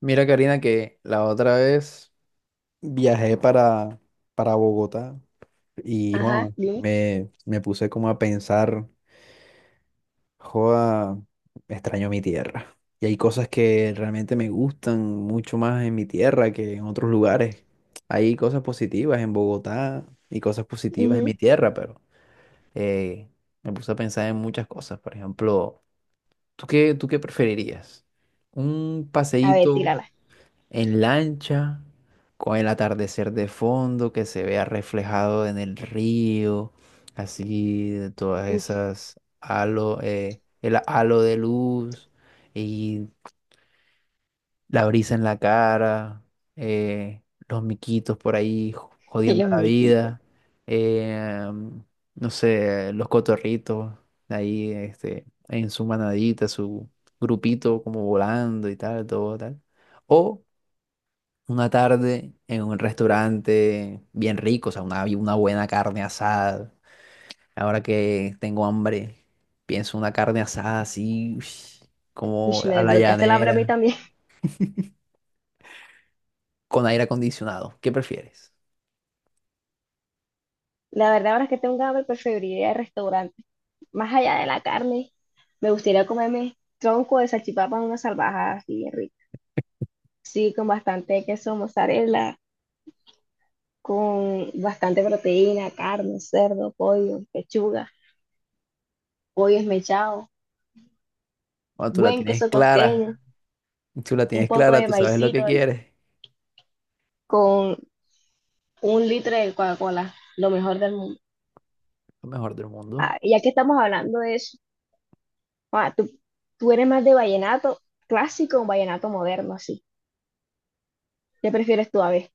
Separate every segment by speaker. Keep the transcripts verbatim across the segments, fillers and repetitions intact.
Speaker 1: Mira, Karina, que la otra vez viajé para, para Bogotá y
Speaker 2: Ajá,
Speaker 1: joa,
Speaker 2: dime.
Speaker 1: me, me puse como a pensar, joa, extraño mi tierra. Y hay cosas que realmente me gustan mucho más en mi tierra que en otros lugares. Hay cosas positivas en Bogotá y cosas positivas en
Speaker 2: Ujú.
Speaker 1: mi tierra, pero eh, me puse a pensar en muchas cosas. Por ejemplo, ¿tú qué, tú qué preferirías? ¿Un
Speaker 2: A ver,
Speaker 1: paseíto
Speaker 2: tírala.
Speaker 1: en lancha, con el atardecer de fondo que se vea reflejado en el río, así de todas
Speaker 2: Uf,
Speaker 1: esas halo, eh, el halo de luz y la brisa en la cara, eh, los miquitos por ahí jo- jodiendo
Speaker 2: los
Speaker 1: la
Speaker 2: miquitos.
Speaker 1: vida, eh, no sé, los cotorritos ahí este, en su manadita, su grupito como volando y tal, todo tal? O una tarde en un restaurante bien rico, o sea, una, una buena carne asada. Ahora que tengo hambre, pienso una carne asada así, ush,
Speaker 2: Uy,
Speaker 1: como
Speaker 2: me
Speaker 1: a la
Speaker 2: desbloqueaste la hora a mí
Speaker 1: llanera,
Speaker 2: también.
Speaker 1: con aire acondicionado. ¿Qué prefieres?
Speaker 2: La verdad, ahora que tengo hambre, preferiría el restaurante. Más allá de la carne, me gustaría comerme tronco de salchipapa en una salvajada así, rica. Sí, con bastante queso mozzarella, con bastante proteína, carne, cerdo, pollo, pechuga, pollo esmechado,
Speaker 1: Cuando tú la
Speaker 2: buen
Speaker 1: tienes
Speaker 2: queso
Speaker 1: clara,
Speaker 2: costeño,
Speaker 1: tú la
Speaker 2: un
Speaker 1: tienes
Speaker 2: poco
Speaker 1: clara,
Speaker 2: de
Speaker 1: tú sabes lo que
Speaker 2: maicito y
Speaker 1: quieres,
Speaker 2: con un litro de Coca-Cola, lo mejor del mundo.
Speaker 1: lo mejor del mundo.
Speaker 2: Ah, y ya que estamos hablando de eso, Ah, tú, tú eres más de vallenato clásico o vallenato moderno, así. ¿Qué prefieres tú, a ver?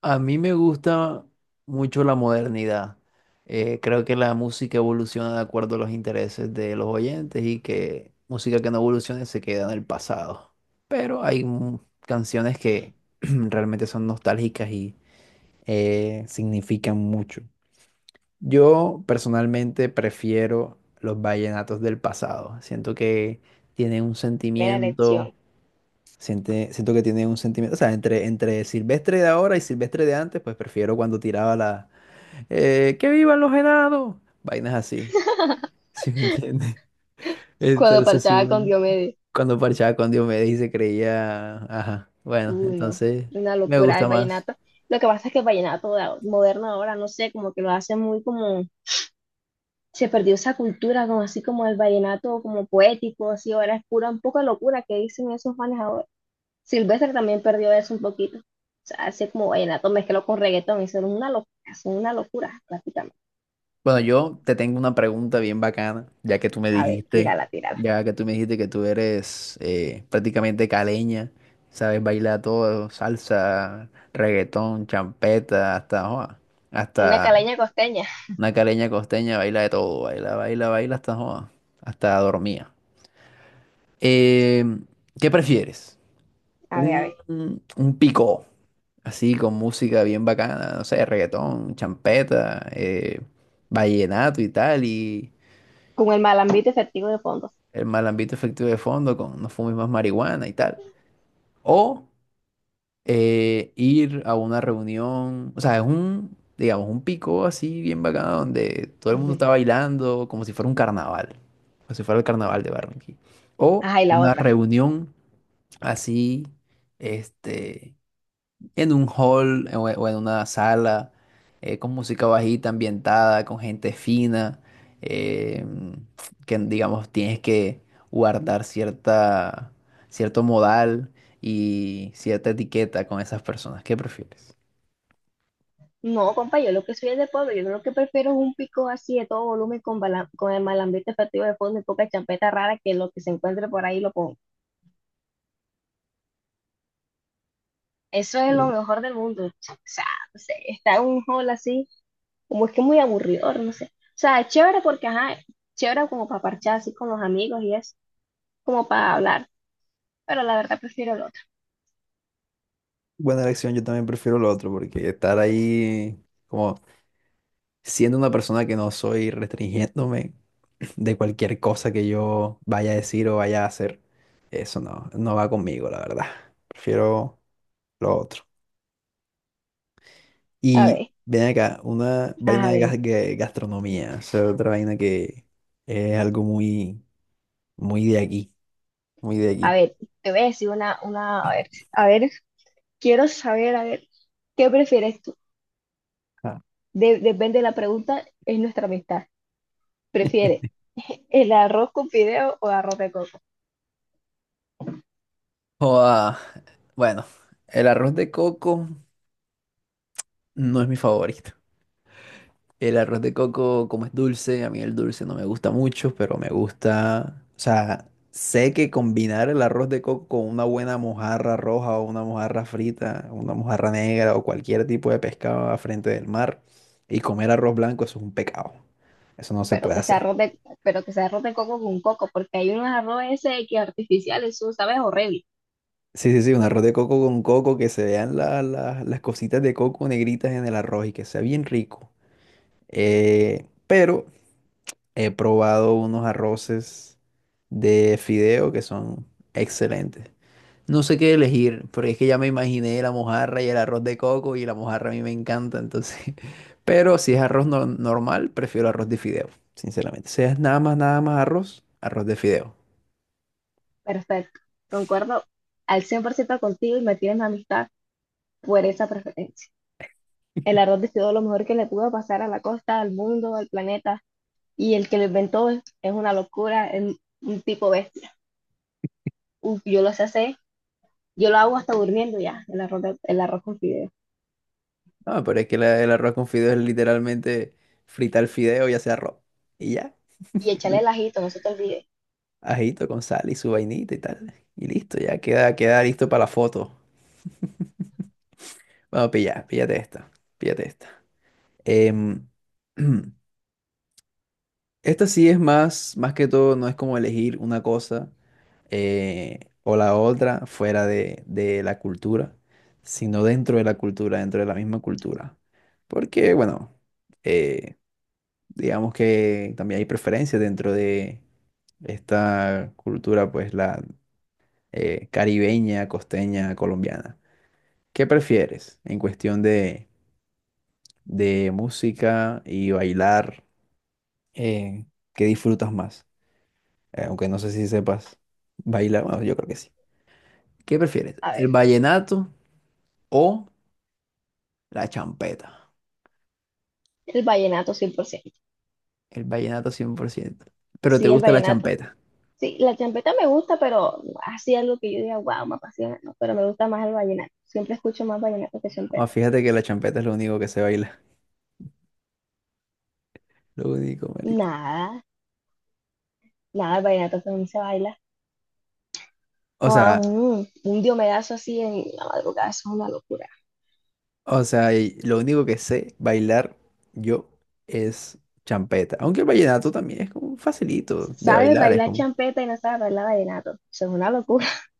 Speaker 1: A mí me gusta mucho la modernidad. Eh, creo que la música evoluciona de acuerdo a los intereses de los oyentes y que música que no evolucione se queda en el pasado. Pero hay mu- canciones que realmente son nostálgicas y eh, significan mucho. Yo personalmente prefiero los vallenatos del pasado. Siento que tienen un
Speaker 2: Buena
Speaker 1: sentimiento,
Speaker 2: elección.
Speaker 1: Siente- siento que tiene un sentimiento, o sea, entre, entre Silvestre de ahora y Silvestre de antes, pues prefiero cuando tiraba la. Eh, Que vivan los helados! Vainas así, ¿sí me entiendes?
Speaker 2: Cuando
Speaker 1: Entonces, sí,
Speaker 2: parchaba con
Speaker 1: mm,
Speaker 2: Diomedes.
Speaker 1: cuando parchaba con Diomedes y se creía. Ajá, bueno,
Speaker 2: Uy, no.
Speaker 1: entonces
Speaker 2: Una
Speaker 1: me
Speaker 2: locura
Speaker 1: gusta
Speaker 2: el
Speaker 1: más.
Speaker 2: vallenato. Lo que pasa es que el vallenato de ahora- moderno ahora, no sé, como que lo hace muy como... Se perdió esa cultura, como así como el vallenato como poético, así ahora es pura, un poco de locura que dicen esos manes ahora. Silvestre también perdió eso un poquito. O sea, hace como vallenato mezclado con reggaetón, y son una locura, son una locura prácticamente.
Speaker 1: Bueno, yo te tengo una pregunta bien bacana, ya que tú me
Speaker 2: A ver,
Speaker 1: dijiste,
Speaker 2: tírala, tírala.
Speaker 1: ya que tú me dijiste que tú eres eh, prácticamente caleña, sabes bailar todo, salsa, reggaetón, champeta, hasta joa,
Speaker 2: Una
Speaker 1: hasta
Speaker 2: caleña costeña.
Speaker 1: una caleña costeña baila de todo, baila, baila, baila hasta joa, hasta dormía. Eh, ¿Qué prefieres?
Speaker 2: A ver, a
Speaker 1: Un,
Speaker 2: ver.
Speaker 1: un picó, así con música bien bacana, no sé, reggaetón, champeta, eh, vallenato y tal, y
Speaker 2: Con el malambito efectivo de fondos.
Speaker 1: el mal ambiente efectivo de fondo con no fumes más marihuana y tal. O eh, ir a una reunión, o sea, es un, digamos, un pico así bien bacano donde todo el mundo
Speaker 2: Ujú.
Speaker 1: está bailando como si fuera un carnaval, como si fuera el carnaval de Barranquilla. O
Speaker 2: Ajá, y la
Speaker 1: una
Speaker 2: otra.
Speaker 1: reunión así, este, en un hall o o en una sala, eh, con música bajita, ambientada, con gente fina, eh, que digamos tienes que guardar cierta, cierto modal y cierta etiqueta con esas personas. ¿Qué prefieres?
Speaker 2: No, compa, yo lo que soy es de pueblo. Yo lo que prefiero es un pico así de todo volumen con, bala- con el malambito efectivo de fondo y poca champeta rara que lo que se encuentre por ahí lo pongo. Eso es lo mejor del mundo. O sea, no sé, está en un hall así, como es que muy aburridor, no sé. O sea, es chévere porque, ajá, chévere como para parchar así con los amigos y es como para hablar. Pero la verdad prefiero el otro.
Speaker 1: Buena elección, yo también prefiero lo otro, porque estar ahí como siendo una persona que no soy, restringiéndome de cualquier cosa que yo vaya a decir o vaya a hacer, eso no, no va conmigo, la verdad. Prefiero lo otro.
Speaker 2: A
Speaker 1: Y
Speaker 2: ver.
Speaker 1: ven acá, una vaina
Speaker 2: Ajá,
Speaker 1: de
Speaker 2: dime.
Speaker 1: gas- que- gastronomía, o sea, otra vaina que es algo muy, muy de aquí, muy de
Speaker 2: A
Speaker 1: aquí.
Speaker 2: ver, te voy a decir una, una, a ver, a ver, quiero saber, a ver, ¿qué prefieres tú?
Speaker 1: Ah.
Speaker 2: De- depende de la pregunta, es nuestra amistad. ¿Prefieres el arroz con fideo o arroz de coco?
Speaker 1: Joda, bueno, el arroz de coco no es mi favorito. El arroz de coco, como es dulce, a mí el dulce no me gusta mucho, pero me gusta, o sea, sé que combinar el arroz de coco con una buena mojarra roja o una mojarra frita, una mojarra negra o cualquier tipo de pescado a frente del mar y comer arroz blanco, eso es un pecado. Eso no se
Speaker 2: Pero
Speaker 1: puede
Speaker 2: que sea
Speaker 1: hacer.
Speaker 2: arroz de, pero que sea arroz de coco con coco, porque hay unos arroz ese que artificiales, eso sabe horrible.
Speaker 1: Sí, sí, sí, un arroz de coco con coco, que se vean la- la- las cositas de coco negritas en el arroz y que sea bien rico. Eh, pero he probado unos arroces de fideo que son excelentes. No sé qué elegir, porque es que ya me imaginé la mojarra y el arroz de coco y la mojarra a mí me encanta, entonces. Pero si es arroz no- normal, prefiero arroz de fideo, sinceramente. Si es nada más, nada más arroz, arroz de fideo.
Speaker 2: Perfecto, concuerdo al cien por ciento contigo y me tienes mi amistad por esa preferencia. El arroz de fideo es lo mejor que le pudo pasar a la costa, al mundo, al planeta, y el que lo inventó es, es una locura, es un un tipo bestia. Uf, yo lo sé hacer, yo lo hago hasta durmiendo ya, el arroz, de- el arroz con fideo.
Speaker 1: No, pero es que la- el arroz con fideo es literalmente fritar el fideo y hacer arroz. Y ya,
Speaker 2: Y echarle el ajito, no se te olvide.
Speaker 1: ajito con sal y su vainita y tal. Y listo, ya queda, queda, listo para la foto. Bueno, pilla, píllate esta, píllate esta. Em, esta sí es más, más que todo, no es como elegir una cosa eh, o la otra fuera de, de la cultura, sino dentro de la cultura, dentro de la misma cultura. Porque, bueno, eh, digamos que también hay preferencias dentro de esta cultura, pues la eh, caribeña, costeña, colombiana. ¿Qué prefieres en cuestión de, de música y bailar? eh, Qué disfrutas más? Eh, aunque no sé si sepas bailar, bueno, yo creo que sí. ¿Qué prefieres?
Speaker 2: A
Speaker 1: ¿El
Speaker 2: ver,
Speaker 1: vallenato o la champeta?
Speaker 2: el vallenato cien por ciento.
Speaker 1: El vallenato cien por ciento. Pero te
Speaker 2: Sí, el
Speaker 1: gusta la
Speaker 2: vallenato.
Speaker 1: champeta.
Speaker 2: Sí, la champeta me gusta, pero así algo que yo diga, wow, me apasiona, no, pero me gusta más el vallenato. Siempre escucho más vallenato que
Speaker 1: Ah,
Speaker 2: champeta.
Speaker 1: fíjate que la champeta es lo único que sé bailar. Lo único, marica.
Speaker 2: Nada, nada, el vallenato también se baila.
Speaker 1: O
Speaker 2: Guau,
Speaker 1: sea,
Speaker 2: mm, un diomedazo así en la madrugada, eso es una locura.
Speaker 1: o sea, y lo único que sé bailar yo es champeta. Aunque el vallenato también es como facilito de
Speaker 2: ¿Sabes
Speaker 1: bailar, es
Speaker 2: bailar
Speaker 1: como
Speaker 2: champeta y no sabes bailar vallenato? Eso es una locura.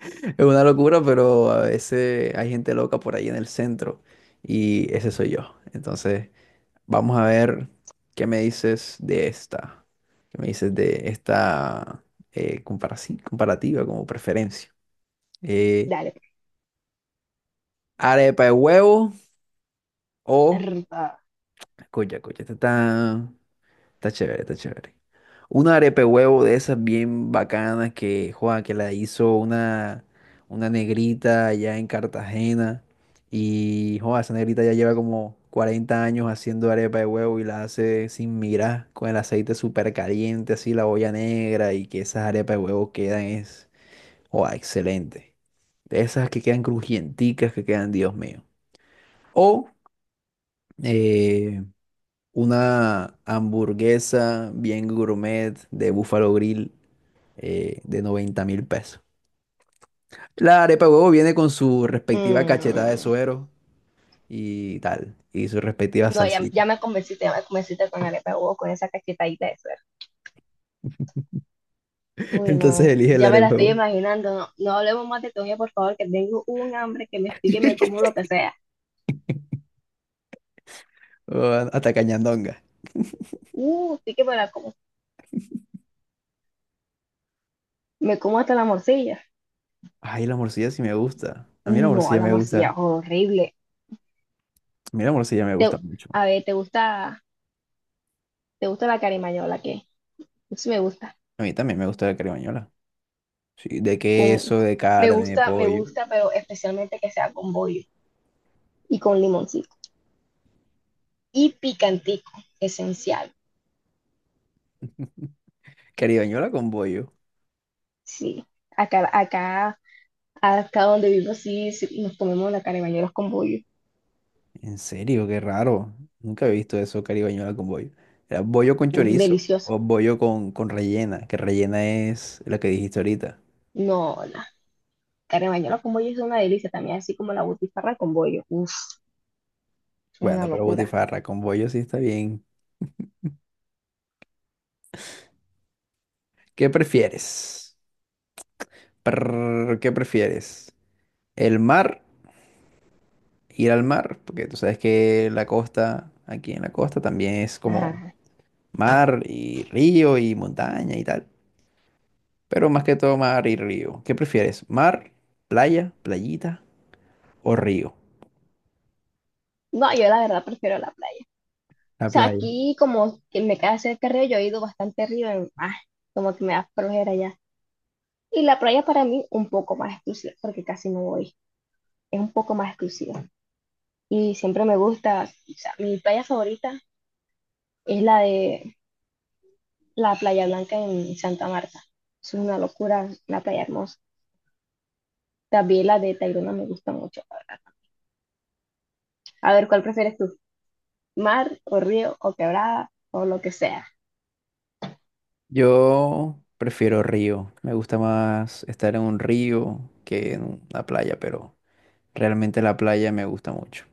Speaker 1: es una locura, pero a veces hay gente loca por ahí en el centro y ese soy yo. Entonces, vamos a ver qué me dices de esta. ¿Qué me dices de esta eh, comparaci- comparativa como preferencia? Eh,
Speaker 2: Dale. Pues.
Speaker 1: ¿Arepa de huevo o... Escucha, escucha, esta está... está chévere, está chévere. Una arepe huevo de esas bien bacanas que, Juan, que la hizo una, una negrita allá en Cartagena. Y, Juan, esa negrita ya lleva como cuarenta años haciendo arepa de huevo y la hace sin mirar, con el aceite súper caliente, así la olla negra y que esas arepas de huevo quedan es, Juan, excelente. De esas que quedan crujienticas, que quedan, Dios mío. O, eh, una hamburguesa bien gourmet de Buffalo Grill eh, de noventa mil pesos. La arepa de huevo viene con su respectiva cachetada de
Speaker 2: Mm.
Speaker 1: suero y tal, y su respectiva
Speaker 2: No, ya,
Speaker 1: salsita.
Speaker 2: ya me convenciste, ya me convenciste con arepa de huevo, con esa cachetadita de suero. Uy,
Speaker 1: Entonces
Speaker 2: no,
Speaker 1: elige la
Speaker 2: ya me la
Speaker 1: arepa de
Speaker 2: estoy
Speaker 1: huevo.
Speaker 2: imaginando. No, no hablemos más de comida, por favor, que tengo un hambre que me explique, me como lo que sea.
Speaker 1: O hasta cañandonga.
Speaker 2: Uh, sí que me la como. Me como hasta la morcilla.
Speaker 1: Ay, la morcilla sí me gusta. A mí la
Speaker 2: No,
Speaker 1: morcilla
Speaker 2: la
Speaker 1: me
Speaker 2: morcilla,
Speaker 1: gusta.
Speaker 2: horrible.
Speaker 1: A mí la morcilla me
Speaker 2: Te-
Speaker 1: gusta mucho.
Speaker 2: a ver, ¿te gusta, te gusta la carimañola? ¿Qué? Sí me gusta.
Speaker 1: A mí también me gusta la caribañola. Sí, de
Speaker 2: Con,
Speaker 1: queso, de
Speaker 2: me
Speaker 1: carne, de
Speaker 2: gusta, me
Speaker 1: pollo.
Speaker 2: gusta, pero especialmente que sea con bollo y con limoncito. Y picantico, esencial.
Speaker 1: Caribañola con pollo.
Speaker 2: Sí, acá, acá Acá donde vivo sí, sí, nos comemos la carne de bañuelos con bollo.
Speaker 1: En serio, qué raro. Nunca he visto eso caribañola con bollo. Era bollo con
Speaker 2: Uf,
Speaker 1: chorizo
Speaker 2: deliciosa.
Speaker 1: o bollo con, con rellena, que rellena es lo que dijiste ahorita.
Speaker 2: No, la carne de bañuelos con bollo es una delicia también, así como la butifarra con bollo. Uf, es una
Speaker 1: Bueno, pero
Speaker 2: locura.
Speaker 1: butifarra con bollo sí está bien. ¿Qué prefieres? Prrr, ¿qué prefieres? ¿El mar? ¿Ir al mar? Porque tú sabes que la costa, aquí en la costa también es
Speaker 2: Ajá.
Speaker 1: como
Speaker 2: ajá.
Speaker 1: mar y río y montaña y tal. Pero más que todo mar y río. ¿Qué prefieres? ¿Mar, playa, playita o río?
Speaker 2: No, yo la verdad prefiero la playa. O
Speaker 1: La
Speaker 2: sea,
Speaker 1: playa.
Speaker 2: aquí como que me queda cerca del río, yo he ido bastante arriba, en- ah, como que me da flojera ya. Y la playa para mí un poco más exclusiva, porque casi no voy. Es un poco más exclusiva. Y siempre me gusta, o sea, mi playa favorita es la de la Playa Blanca en Santa Marta. Es una locura, la playa hermosa. También la de Tayrona me gusta mucho. La verdad. A ver, ¿cuál prefieres tú? ¿Mar o río o quebrada o lo que sea?
Speaker 1: Yo prefiero río. Me gusta más estar en un río que en una playa, pero realmente la playa me gusta mucho.